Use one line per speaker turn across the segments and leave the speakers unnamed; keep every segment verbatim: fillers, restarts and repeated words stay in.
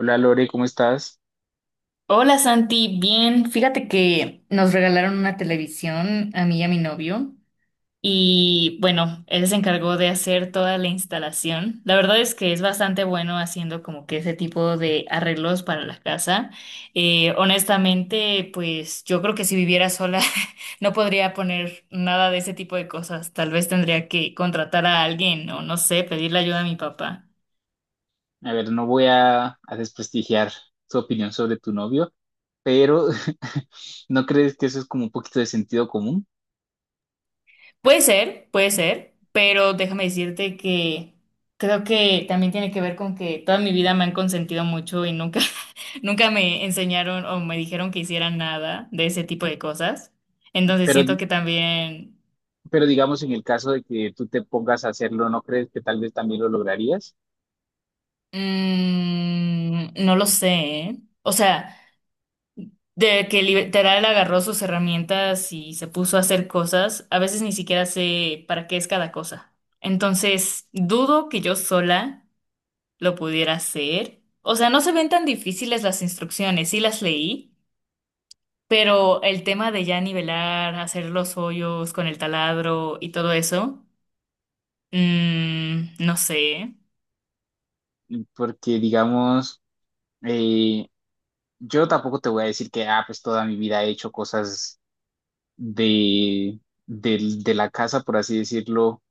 Hola Lore, ¿cómo estás?
Hola Santi, bien, fíjate que nos regalaron una televisión a mí y a mi novio y bueno, él se encargó de hacer toda la instalación. La verdad es que es bastante bueno haciendo como que ese tipo de arreglos para la casa. Eh, honestamente, pues yo creo que si viviera sola no podría poner nada de ese tipo de cosas. Tal vez tendría que contratar a alguien o no sé, pedirle ayuda a mi papá.
A ver, no voy a, a desprestigiar tu opinión sobre tu novio, pero ¿no crees que eso es como un poquito de sentido común?
Puede ser, puede ser, pero déjame decirte que creo que también tiene que ver con que toda mi vida me han consentido mucho y nunca, nunca me enseñaron o me dijeron que hiciera nada de ese tipo de cosas. Entonces
Pero,
siento
di-
que también,
pero digamos en el caso de que tú te pongas a hacerlo, ¿no crees que tal vez también lo lograrías?
mm, no lo sé, ¿eh? O sea, de que literal agarró sus herramientas y se puso a hacer cosas, a veces ni siquiera sé para qué es cada cosa. Entonces, dudo que yo sola lo pudiera hacer. O sea, no se ven tan difíciles las instrucciones, sí las leí, pero el tema de ya nivelar, hacer los hoyos con el taladro y todo eso, mm, no sé.
Porque digamos, eh, yo tampoco te voy a decir que, ah, pues toda mi vida he hecho cosas de, del- de la casa, por así decirlo,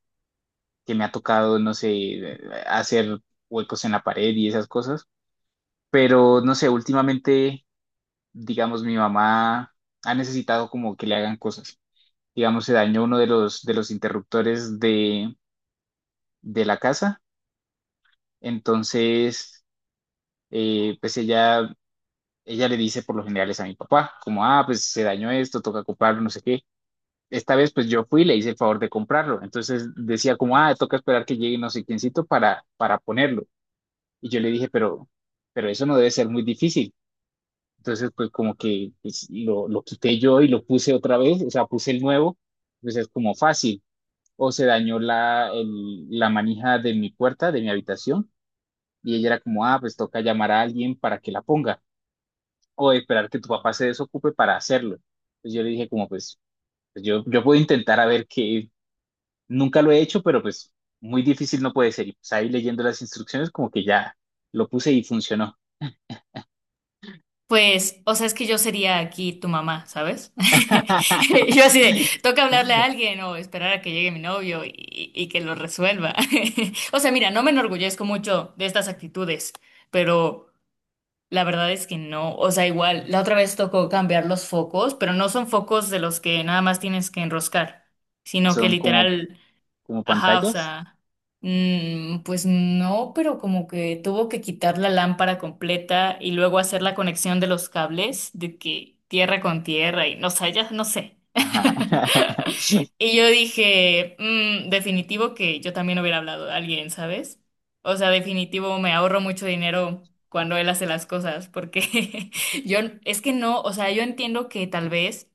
que me ha tocado, no sé, hacer huecos en la pared y esas cosas. Pero no sé, últimamente, digamos, mi mamá ha necesitado como que le hagan cosas. Digamos, se dañó uno de los, de los interruptores de, de la casa. Entonces, eh, pues ella, ella le dice por lo general es a mi papá, como, ah, pues se dañó esto, toca comprarlo, no sé qué. Esta vez, pues yo fui y le hice el favor de comprarlo. Entonces decía como, ah, toca esperar que llegue no sé quiéncito para, para ponerlo. Y yo le dije, pero, pero eso no debe ser muy difícil. Entonces, pues como que pues, lo, lo quité yo y lo puse otra vez, o sea, puse el nuevo, pues es como fácil. O se dañó la, el- la manija de mi puerta, de mi habitación, y ella era como, ah, pues toca llamar a alguien para que la ponga, o esperar que tu papá se desocupe para hacerlo. Pues yo le dije como, pues, pues, yo, yo puedo intentar a ver que nunca lo he hecho, pero pues muy difícil no puede ser. Y pues ahí leyendo las instrucciones como que ya lo puse y funcionó.
Pues, o sea, es que yo sería aquí tu mamá, ¿sabes? Yo así de, toca hablarle a alguien o esperar a que llegue mi novio y, y que lo resuelva. O sea, mira, no me enorgullezco mucho de estas actitudes, pero... La verdad es que no, o sea, igual, la otra vez tocó cambiar los focos, pero no son focos de los que nada más tienes que enroscar, sino que
Son como,
literal.
como
Ajá, o
pantallas.
sea, mm, pues no, pero como que tuvo que quitar la lámpara completa y luego hacer la conexión de los cables, de que tierra con tierra y no sé, ya no sé.
Ajá.
Y yo dije, "Mm, definitivo que yo también hubiera hablado de alguien, ¿sabes? O sea, definitivo me ahorro mucho dinero cuando él hace las cosas, porque yo es que no, o sea, yo entiendo que tal vez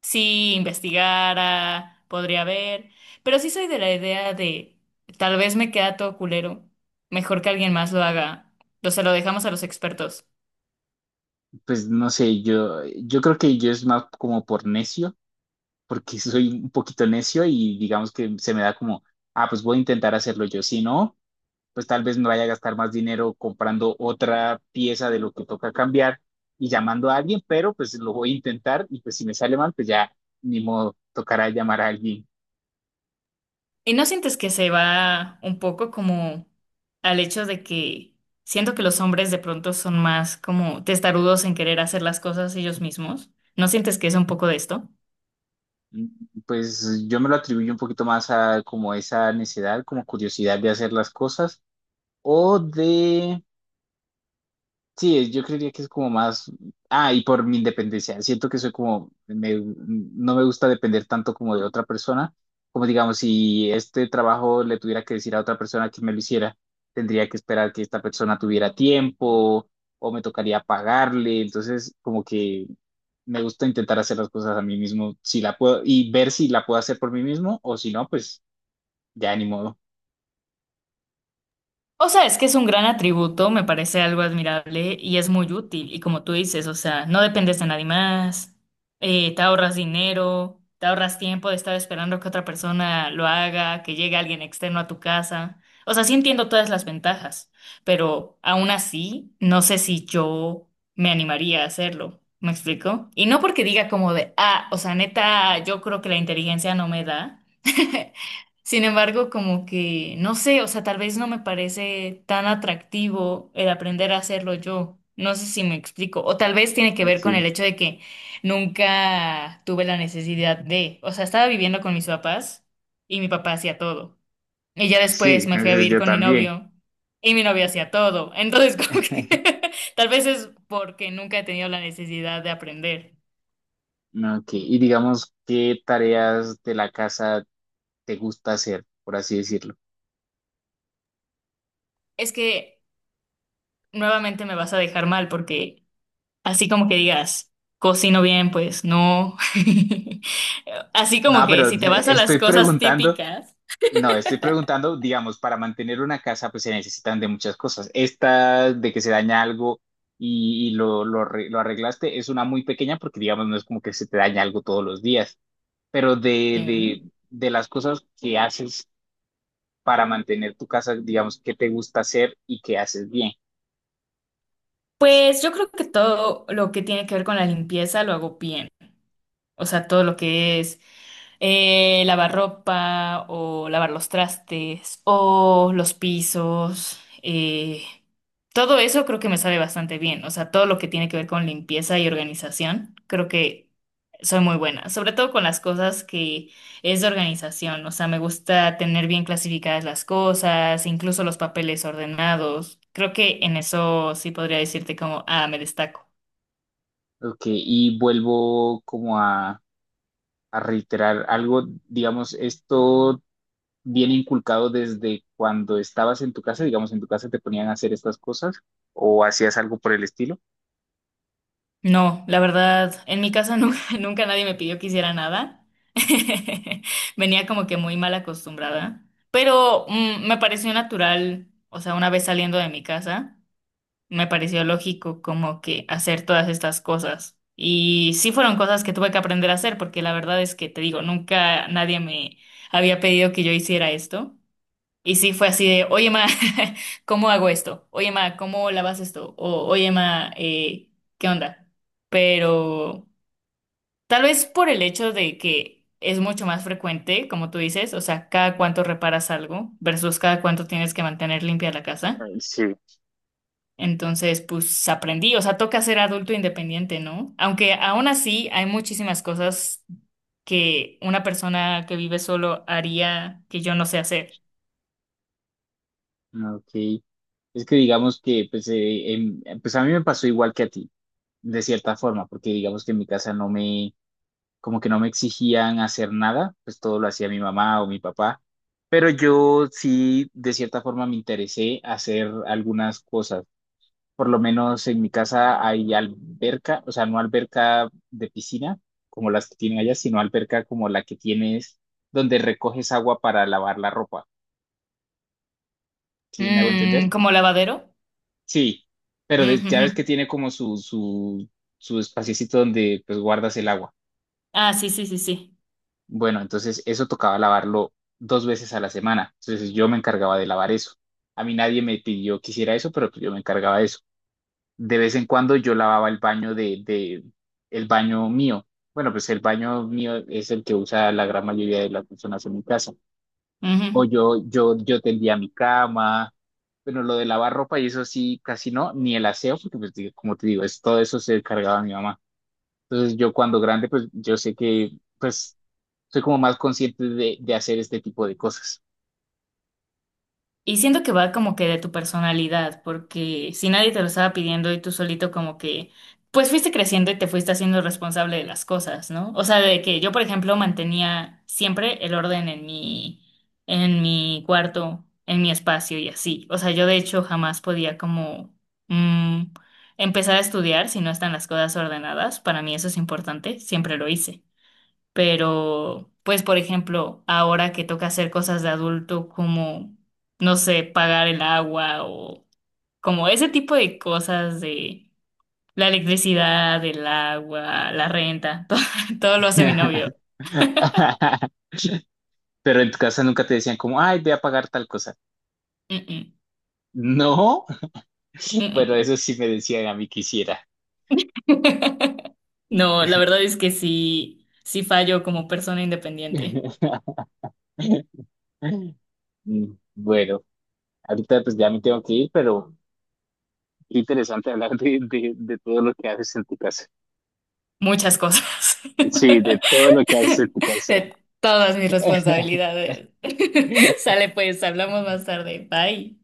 si investigara, podría ver, pero sí soy de la idea de tal vez me queda todo culero, mejor que alguien más lo haga, o se lo dejamos a los expertos.
Pues no sé, yo, yo creo que yo es más como por necio, porque soy un poquito necio y digamos que se me da como, ah, pues voy a intentar hacerlo yo. Si no, pues tal vez me vaya a gastar más dinero comprando otra pieza de lo que toca cambiar y llamando a alguien, pero pues lo voy a intentar y pues si me sale mal, pues ya ni modo, tocará llamar a alguien.
¿Y no sientes que se va un poco como al hecho de que siento que los hombres de pronto son más como testarudos en querer hacer las cosas ellos mismos? ¿No sientes que es un poco de esto?
Mm, pues yo me lo atribuyo un poquito más a como esa necesidad, como curiosidad de hacer las cosas o de... Sí, yo creería que es como más, ah, y por mi independencia, siento que soy como, me- no me gusta depender tanto como de otra persona, como digamos, si este trabajo le tuviera que decir a otra persona que me lo hiciera, tendría que esperar que esta persona tuviera tiempo o me tocaría pagarle, entonces como que me gusta intentar hacer las cosas a mí mismo, si la puedo, y ver si la puedo hacer por mí mismo o si no, pues ya ni modo.
O sea, es que es un gran atributo, me parece algo admirable y es muy útil. Y como tú dices, o sea, no dependes de nadie más, eh, te ahorras dinero, te ahorras tiempo de estar esperando que otra persona lo haga, que llegue alguien externo a tu casa. O sea, sí entiendo todas las ventajas, pero aún así, no sé si yo me animaría a hacerlo. ¿Me explico? Y no porque diga como de, ah, o sea, neta, yo creo que la inteligencia no me da. Sin embargo, como que, no sé, o sea, tal vez no me parece tan atractivo el aprender a hacerlo yo. No sé si me explico. O tal vez tiene que ver con el
Aquí,
hecho de que nunca tuve la necesidad de, o sea, estaba viviendo con mis papás y mi papá hacía todo. Y ya después
sí,
me fui a
entonces
vivir
yo
con mi
también.
novio y mi novio hacía todo. Entonces, como que tal vez es porque nunca he tenido la necesidad de aprender.
Ah, ok, y digamos, ¿qué tareas de la casa te gusta hacer, por así decirlo?
Es que nuevamente me vas a dejar mal porque... Así como que digas, cocino bien, pues no. Así como
No,
que
pero
si te vas a las
estoy
cosas
preguntando,
típicas,
no, estoy preguntando, digamos, para mantener una casa pues se necesitan de muchas cosas. Esta de que se daña algo y, y lo, lo, arre- lo arreglaste es una muy pequeña porque digamos no es como que se te daña algo todos los días, pero de,
em,
de, de las cosas que haces para mantener tu casa, digamos, ¿qué te gusta hacer y qué haces bien?
pues yo creo que todo lo que tiene que ver con la limpieza lo hago bien. O sea, todo lo que es eh, lavar ropa o lavar los trastes o los pisos. Eh, todo eso creo que me sabe bastante bien. O sea, todo lo que tiene que ver con limpieza y organización, creo que soy muy buena. Sobre todo con las cosas que es de organización. O sea, me gusta tener bien clasificadas las cosas, incluso los papeles ordenados. Creo que en eso sí podría decirte como, ah, me destaco.
Ok, y vuelvo como a... a reiterar algo, digamos, esto viene inculcado desde cuando estabas en tu casa, digamos, en tu casa te ponían a hacer estas cosas o hacías algo por el estilo.
No, la verdad, en mi casa nunca, nunca nadie me pidió que hiciera nada. Venía como que muy mal acostumbrada, pero mm, me pareció natural, o sea, una vez saliendo de mi casa, me pareció lógico como que hacer todas estas cosas. Y sí fueron cosas que tuve que aprender a hacer, porque la verdad es que te digo, nunca nadie me había pedido que yo hiciera esto. Y sí fue así de, oye, ma, ¿cómo hago esto? Oye, ma, ¿cómo lavas esto? O, oye, ma, eh, ¿qué onda? Pero tal vez por el hecho de que es mucho más frecuente, como tú dices, o sea, cada cuánto reparas algo versus cada cuánto tienes que mantener limpia la casa.
Mm, sí.
Entonces, pues aprendí, o sea, toca ser adulto independiente, ¿no? Aunque aún así hay muchísimas cosas que una persona que vive solo haría que yo no sé hacer.
Ok. Es que digamos que, pues, eh, em, pues a mí me pasó igual que a ti, de cierta forma, porque digamos que en mi casa no me, como que no me exigían hacer nada, pues todo lo hacía mi mamá o mi papá, pero yo sí, de cierta forma, me interesé hacer algunas cosas. Por lo menos en mi casa hay alberca, o sea, no alberca de piscina como las que tienen allá, sino alberca como la que tienes donde recoges agua para lavar la ropa. ¿Sí me hago
Mm,
entender?
¿como lavadero?
Sí, pero de- ya ves que
Ujú.
tiene como su, su, su espaciocito donde pues guardas el agua.
Ah, sí, sí, sí, sí.
Bueno, entonces eso tocaba lavarlo dos veces a la semana. Entonces yo me encargaba de lavar eso. A mí nadie me pidió que hiciera eso, pero pues, yo me encargaba de eso. De vez en cuando yo lavaba el baño de, de el baño mío. Bueno, pues el baño mío es el que usa la gran mayoría de las personas en mi casa.
Ujú.
O yo, yo, yo tendía mi cama. Bueno, lo de lavar ropa y eso sí, casi no, ni el aseo, porque pues, digo, como te digo, es, todo eso se encargaba mi mamá. Entonces yo cuando grande, pues yo sé que, pues, soy como más consciente de, de hacer este tipo de cosas.
Y siento que va como que de tu personalidad, porque si nadie te lo estaba pidiendo y tú solito como que, pues fuiste creciendo y te fuiste haciendo responsable de las cosas, ¿no? O sea, de que yo, por ejemplo, mantenía siempre el orden en mi, en mi cuarto, en mi espacio y así. O sea, yo de hecho jamás podía como mm, empezar a estudiar si no están las cosas ordenadas. Para mí eso es importante, siempre lo hice. Pero pues por ejemplo, ahora que toca hacer cosas de adulto como, no sé, pagar el agua o como ese tipo de cosas de la electricidad, el agua, la renta, todo, todo lo hace mi novio.
Pero en tu casa nunca te decían como, ay, ve a pagar tal cosa.
Mm,
No.
mm,
Bueno,
mm.
eso sí me decían a mí que hiciera.
No, la verdad es que sí, sí fallo como persona independiente.
Mm, bueno, ahorita pues ya me tengo que ir, pero qué interesante hablar de, de, de todo lo que haces en tu casa.
Muchas cosas.
Sí, de todo lo que haces en tu casa.
De todas mis responsabilidades. Sale pues, hablamos más tarde. Bye.